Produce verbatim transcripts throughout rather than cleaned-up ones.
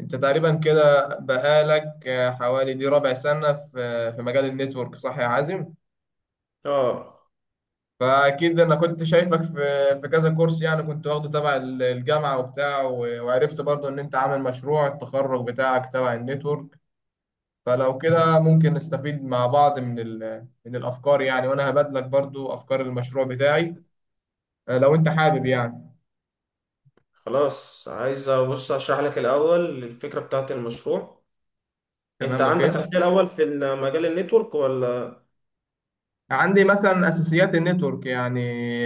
انت تقريبا كده بقالك آه، حوالي دي ربع سنة في آه، في مجال النتورك صح يا عازم؟ اه. فاكيد انا كنت شايفك في في كذا كورس يعني كنت واخده تبع ال- الجامعة وبتاع و- وعرفت برضو ان انت عامل مشروع التخرج بتاعك تبع النتورك. فلو كده ممكن نستفيد مع بعض من ال- من الافكار يعني، وانا هبادلك برضو افكار المشروع بتاعي. آه، لو انت حابب يعني. خلاص، عايز بص اشرح لك الاول الفكره بتاعت المشروع. انت تمام، عندك اوكي. خلفيه الاول في مجال النتورك ولا؟ عندي مثلا اساسيات النتورك يعني،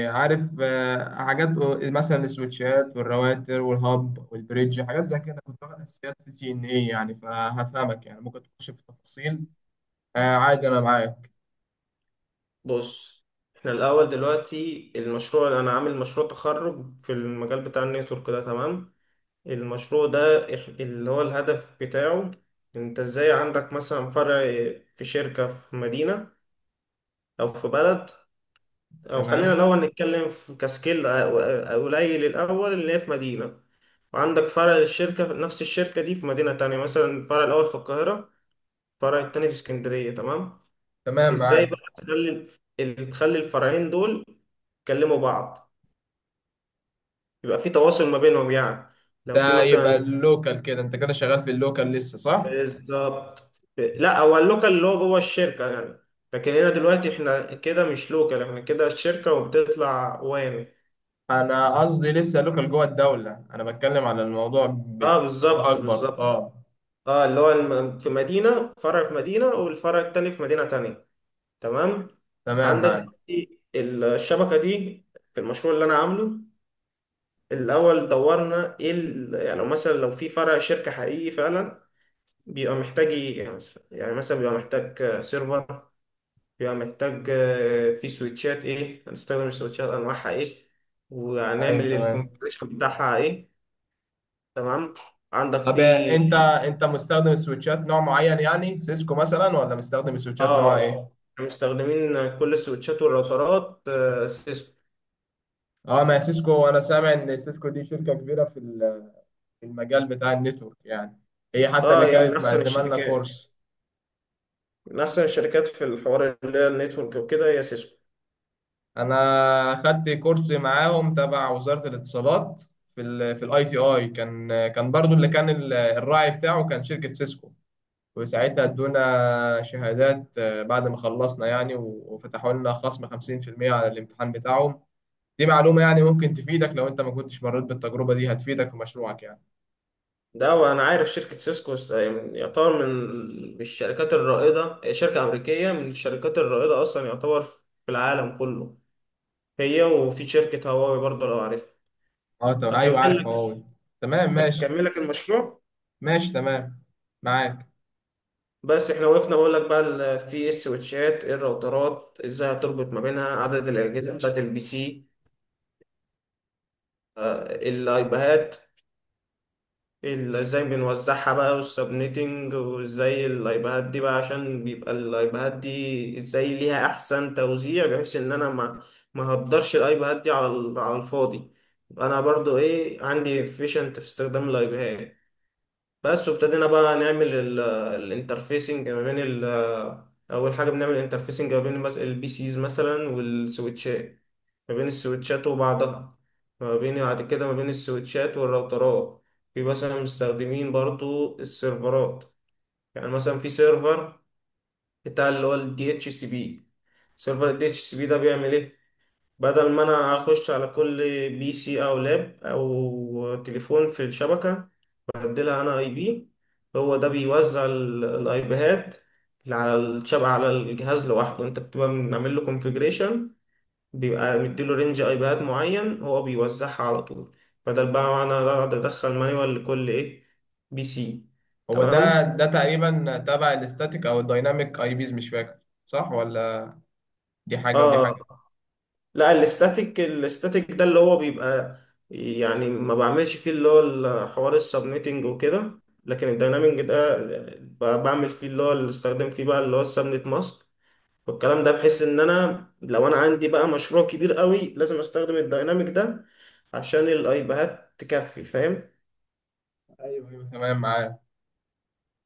عارف، آه، حاجات مثلا السويتشات والراوتر والهاب والبريدج، حاجات زي كده، كنت واخد اساسيات سي سي ان اي يعني، فهفهمك يعني ممكن تخش في تفاصيل. آه، عادي انا معاك. بص، احنا الاول دلوقتي المشروع انا عامل مشروع تخرج في المجال بتاع النتورك ده، تمام. المشروع ده إح- اللي هو الهدف بتاعه، انت ازاي عندك مثلا فرع في شركه في مدينه، او في بلد، او خلينا تمام الاول نتكلم في كسكيل قليل. الاول اللي هي في مدينه، وعندك فرع للشركة في نفس الشركة دي في مدينة تانية، مثلا الفرع الأول في القاهرة، الفرع التاني في اسكندرية، تمام. تمام إزاي معاك. بقى تخلي ال- تخلي الفرعين دول يكلموا بعض، يبقى في تواصل ما بينهم يعني، لو في ده يبقى مثلا. اللوكال كده، انت كده شغال في اللوكال لسه صح؟ بالظبط. لا هو اللوكال اللي هو جوه الشركة يعني، لكن هنا دلوقتي احنا كده مش لوكال، احنا كده الشركة وبتطلع وامي. انا قصدي لسه لوكال جوه الدولة، انا بتكلم على الموضوع اه، بصفة بالظبط اكبر. بالظبط. اه اه، اللي هو الم- في مدينة فرع في مدينة، والفرع التاني في مدينة تانية، تمام. تمام عندك معاك. دلوقتي الشبكة دي في المشروع اللي أنا عامله. الأول دورنا إيه؟ ال- يعني لو مثلا لو في فرع شركة حقيقي فعلا بيبقى محتاج إيه؟ يعني مثلا يعني مثلا بيبقى محتاج سيرفر، بيبقى محتاج آه، في سويتشات، إيه هنستخدم السويتشات، أنواعها إيه، ايوه وهنعمل تمام. الكونفيجريشن بتاعها إيه. تمام. عندك طب في انت انت مستخدم السويتشات نوع معين يعني سيسكو مثلا، ولا مستخدم السويتشات نوع آه ايه؟ مستخدمين كل السويتشات والراوترات آه، سيسكو. اه ما هي سيسكو، انا سامع ان سيسكو دي شركة كبيرة في ال- في المجال بتاع النتورك يعني، هي حتى اللي اه، هي من كانت احسن مقدمة لنا الشركات كورس. من احسن الشركات في الحوار اللي هي النتورك وكده، هي سيسكو. انا خدت كورس معاهم تبع وزارة الاتصالات، في ال في الاي تي اي، كان كان برضو اللي كان ال- الراعي بتاعه كان شركة سيسكو. وساعتها ادونا شهادات، آه، بعد ما خلصنا يعني و- وفتحوا لنا خصم خمسين في المية على الامتحان بتاعهم. دي معلومة يعني ممكن تفيدك، لو انت ما كنتش مريت بالتجربة دي هتفيدك في مشروعك يعني. ده وانا عارف شركة سيسكو س- يعني يعتبر من من الشركات الرائدة، هي شركة امريكية من الشركات الرائدة اصلا يعتبر في العالم كله. هي، وفي شركة هواوي برضه لو عارفها. اه تمام، اكمل ايوه عارف لك هواوي. تمام ماشي. اكمل لك المشروع. ماشي تمام معاك. بس احنا وقفنا بقول لك بقى ال- في إيه السويتشات، إيه الراوترات، ازاي هتربط ما بينها، عدد الاجهزة بتاعت البي سي، آه، الايباهات ال- ازاي بنوزعها بقى، والسبنيتنج، وازاي اللايبهات دي بقى عشان بيبقى اللايبهات دي ازاي ليها احسن توزيع بحيث ان انا ما ما هقدرش اللايبهات دي على ال- على الفاضي. انا برضو ايه عندي efficient في استخدام اللايبهات بس. وابتدينا بقى نعمل الانترفيسنج ما بين ال- اول حاجه بنعمل انترفيسنج ما بين مثلا البي سيز مثلا والسويتشات، ما بين السويتشات وبعضها، ما بين بعد كده ما بين السويتشات والراوترات. في مثلا مستخدمين برضو السيرفرات، يعني مثلا في سيرفر بتاع اللي هو ال دي اتش سي بي، سيرفر ال دي اتش سي بي ده بيعمل ايه؟ بدل ما انا اخش على كل بي سي او لاب او تليفون في الشبكة، بديلها انا اي بي، هو ده بيوزع ال- الايبيهات على الشبكة. على الجهاز لوحده انت بتبقى بنعمل له كونفيجريشن، بيبقى مديله رينج ايباد معين، هو بيوزعها على طول. بدل بقى ما انا اقعد ادخل مانيوال لكل ايه بي سي. هو ده تمام. ده تقريبا تبع الاستاتيك او الدايناميك اي بيز، مش فاكر، صح ولا؟ دي حاجة ودي اه، حاجة. لا الاستاتيك الاستاتيك ده اللي هو بيبقى يعني ما بعملش فيه اللي هو حوار السبنيتنج وكده، لكن الداينامينج ده ب- بعمل فيه اللي هو اللي استخدم فيه بقى اللي هو السبنت ماسك والكلام ده، بحيث ان انا لو انا عندي بقى مشروع كبير قوي لازم استخدم الدايناميك ده عشان الايباد تكفي، فاهم؟ ايوه ايوه تمام معاك.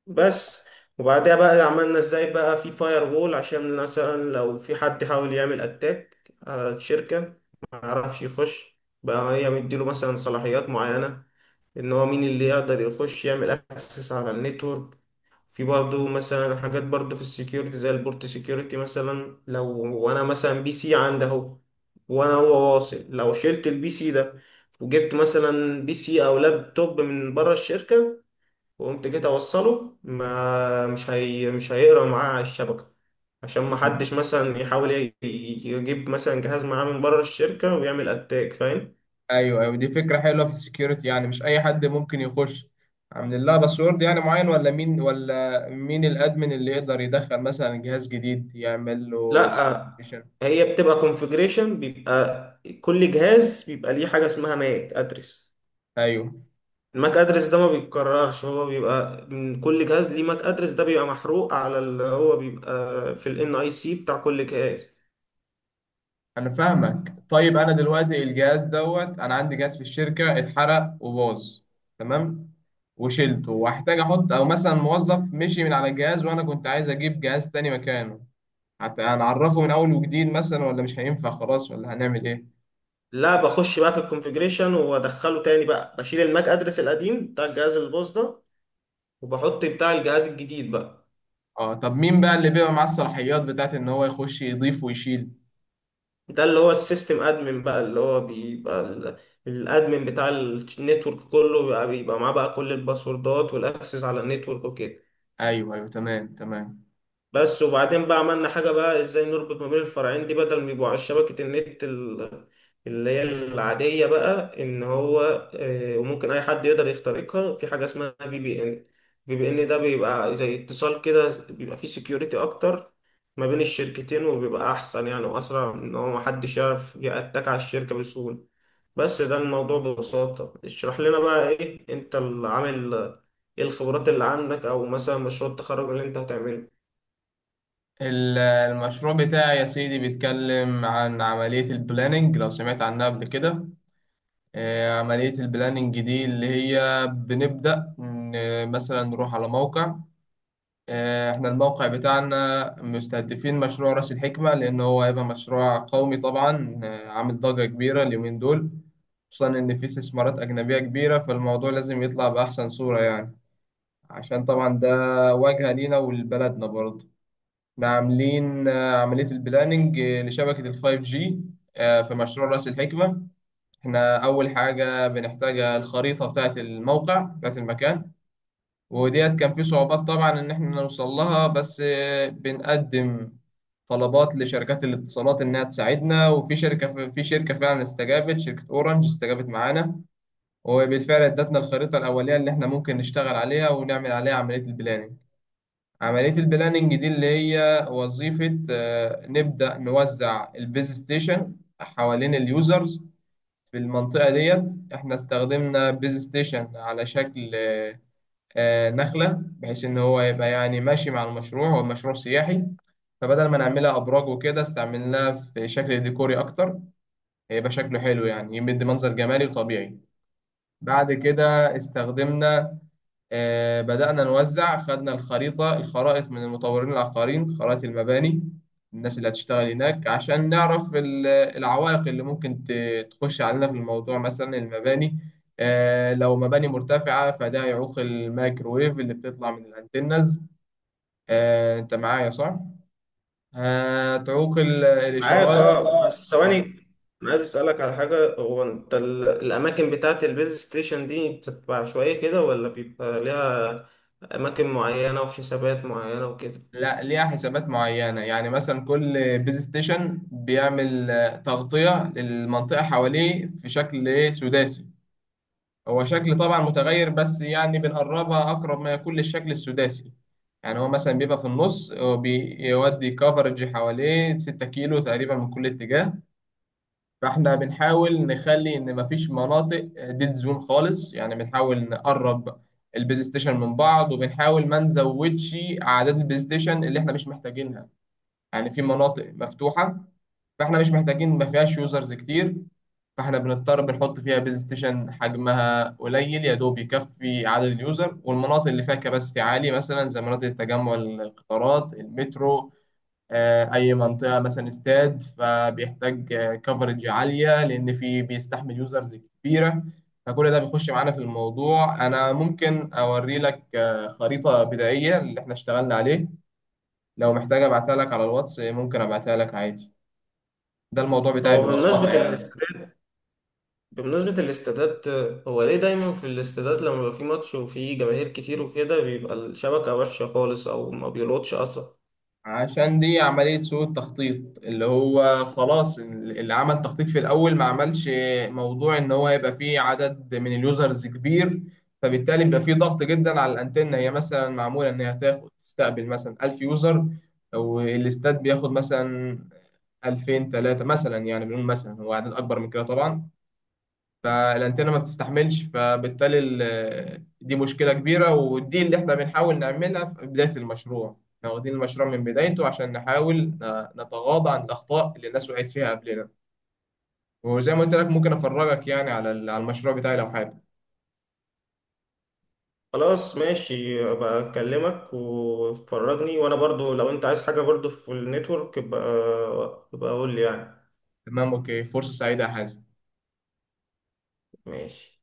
بس. وبعدها بقى عملنا ازاي بقى في فاير وول، عشان مثلا لو في حد حاول يعمل اتاك على الشركة ما يعرفش يخش بقى، هي مديله مثلا صلاحيات معينة ان هو مين اللي يقدر يخش يعمل اكسس على النتورك. في برضه مثلا حاجات برضه في السكيورتي زي البورت سكيورتي، مثلا لو وانا مثلا بي سي عندي اهو، وانا هو واصل، لو شلت البي سي ده وجبت مثلا بي سي او لابتوب من بره الشركة وقمت جيت اوصله، ما مش هي مش هيقرا معاه على الشبكه، عشان ما حدش مثلا يحاول ي- يجيب مثلا جهاز معاه من بره الشركه ويعمل اتاك، فاهم؟ ايوه ايوه، دي فكرة حلوة في السكيورتي يعني، مش اي حد ممكن يخش، عاملين لها باسورد يعني معين، ولا مين ولا مين الادمن اللي يقدر يدخل مثلا جهاز جديد يعمل له لا، ريجستريشن؟ هي بتبقى كونفجريشن، بيبقى كل جهاز بيبقى ليه حاجه اسمها ماك ادرس. ايوه. الماك ادرس ده ما بيتكررش، هو بيبقى من كل جهاز ليه ماك ادرس، ده بيبقى محروق على اللي هو بيبقى في الان اي سي بتاع كل جهاز. انا فاهمك. طيب انا دلوقتي الجهاز دوت، انا عندي جهاز في الشركه اتحرق وباظ، تمام، وشلته واحتاج احط، او مثلا موظف مشي من على الجهاز وانا كنت عايز اجيب جهاز تاني مكانه، حتى هنعرفه من اول وجديد مثلا، ولا مش هينفع خلاص، ولا هنعمل ايه؟ لا، بخش بقى في الكونفيجريشن وادخله تاني بقى، بشيل الماك ادرس القديم بتاع الجهاز الباص ده وبحط بتاع الجهاز الجديد بقى. اه طب مين بقى اللي بيبقى معاه الصلاحيات بتاعت ان هو يخش يضيف ويشيل؟ ده اللي هو السيستم ادمن بقى اللي هو بيبقى ال- الادمن بتاع النتورك كله بيبقى, بيبقى معاه بقى كل الباسوردات والاكسس على النتورك وكده. ايوه ايوه، تمام تمام. بس. وبعدين بقى عملنا حاجة بقى، ازاي نربط ما بين الفرعين دي بدل ما يبقوا على شبكة النت ال- اللي هي العادية بقى ان هو آه، وممكن اي حد يقدر يخترقها، في حاجة اسمها في بي ان. في بي ان ده بيبقى زي اتصال كده، بيبقى فيه سكيورتي اكتر ما بين الشركتين، وبيبقى احسن يعني واسرع، ان هو محدش يعرف يأتاك على الشركة بسهولة. بس ده الموضوع ببساطة. اشرح لنا بقى ايه انت اللي عامل، ايه الخبرات اللي عندك او مثلا مشروع التخرج اللي انت هتعمله. ال- المشروع بتاعي يا سيدي بيتكلم عن عمليه البلاننج، لو سمعت عنها قبل كده. آه، عملية البلاننج دي اللي هي بنبدأ ن- مثلا نروح على موقع. آه، احنا الموقع بتاعنا مستهدفين مشروع رأس الحكمة، لأن هو هيبقى مشروع قومي طبعا، آه، عامل ضجة كبيرة اليومين دول. خصوصا إن فيه استثمارات أجنبية كبيرة، فالموضوع لازم يطلع بأحسن صورة يعني، عشان طبعا ده واجهة لينا ولبلدنا برضه. احنا عاملين آه، عملية البلاننج آه، لشبكة الفايف جي في مشروع رأس الحكمة. احنا اول حاجه بنحتاج الخريطه بتاعه الموقع بتاعه المكان، وديت كان في صعوبات طبعا ان احنا نوصل لها، بس آه، بنقدم طلبات لشركات الاتصالات انها تساعدنا، وفي شركه في شركه فعلا استجابت، شركه اورنج استجابت معانا. وبالفعل ادتنا الخريطه الاوليه اللي احنا ممكن نشتغل عليها ونعمل عليها عمليه البلاننج. عملية البلاننج دي اللي هي وظيفة، آه، نبدأ نوزع البيز ستيشن حوالين اليوزرز في المنطقة ديت. احنا استخدمنا بيز ستيشن على شكل آه، آه، نخلة، بحيث ان هو يبقى يعني ماشي مع المشروع، هو مشروع سياحي، فبدل ما نعملها ابراج وكده استعملناها في شكل ديكوري اكتر، هيبقى شكله حلو يعني، يمد منظر جمالي وطبيعي. بعد كده استخدمنا، آه، بدأنا نوزع، خدنا الخريطة، الخرائط من المطورين العقاريين، خرائط المباني، الناس اللي هتشتغل هناك، عشان نعرف ال- العوائق اللي ممكن ت- تخش علينا في الموضوع، مثلا المباني. آه، لو مباني مرتفعة، فده يعوق الميكروويف اللي بتطلع من الانتنز. آه، انت معايا صح؟ هتعوق ال- معاك الإشارات. اه. بس ثواني، انا عايز اسالك على حاجه، هو انت ال- الاماكن بتاعه البيز ستيشن دي بتبقى عشوائيه كده، ولا بيبقى ليها اماكن معينه وحسابات معينه وكده؟ لا، ليها حسابات معينة يعني، مثلا كل بيز ستيشن بيعمل آه، تغطية للمنطقة حواليه في شكل إيه؟ سداسي. هو شكل طبعا متغير، بس يعني بنقربها أقرب ما يكون للشكل السداسي. يعني هو مثلا بيبقى في النص، هو بيودي كفرج حواليه 6 كيلو تقريبا من كل اتجاه. فاحنا بنحاول نخلي ان مفيش مناطق ديد زون خالص يعني، بنحاول نقرب البيز ستيشن من بعض، وبنحاول ما نزودش اعداد البلاي ستيشن اللي احنا مش محتاجينها. يعني في مناطق مفتوحة، فاحنا مش محتاجين، ما فيهاش يوزرز كتير، فاحنا بنضطر بنحط فيها بيز ستيشن حجمها قليل يا دوب يكفي عدد اليوزر، والمناطق اللي فيها كباستي عالي مثلا زي مناطق التجمع، القطارات، المترو، آه، اي منطقة مثلا استاد، فبيحتاج كفرج عالية، لان في بيستحمل يوزرز كبيرة. فكل ده بيخش معانا في الموضوع. انا ممكن اوري لك آه، خريطة بدائية اللي احنا اشتغلنا عليه، لو محتاج ابعتها لك على الواتس ممكن ابعتها لك عادي. ده الموضوع بتاعي هو بمناسبه ببساطة يعني. الاستادات بمناسبه الاستادات هو ليه دايما في الاستادات لما بيبقى في ماتش وفي جماهير كتير وكده بيبقى الشبكه وحشه خالص، او ما بيلقطش اصلا؟ عشان دي عملية سوء التخطيط، اللي هو خلاص اللي عمل تخطيط في الأول ما عملش موضوع إن هو يبقى فيه عدد من اليوزرز كبير، فبالتالي بيبقى فيه ضغط جدا على الأنتنة، هي مثلا معمولة إن هي تاخد تستقبل مثلا ألف يوزر، والاستاد بياخد مثلا ألفين ثلاثة مثلا، يعني بنقول مثلا هو عدد أكبر من كده طبعا. فالانتنه ما بتستحملش، فبالتالي ال- آه، دي مشكله كبيره، ودي اللي احنا بنحاول نعملها في بدايه المشروع، احنا واخدين المشروع من بدايته عشان نحاول ن- نتغاضى عن الاخطاء اللي الناس وقعت فيها قبلنا. وزي ما قلت لك ممكن افرجك يعني على ال- على المشروع بتاعي لو حابب. خلاص، ماشي. ابقى اكلمك وفرجني، وانا برضو لو انت عايز حاجه برضو في النتورك ابقى ابقى قول لي يعني. تمام اوكي، فرصه سعيده يا حازم. ماشي.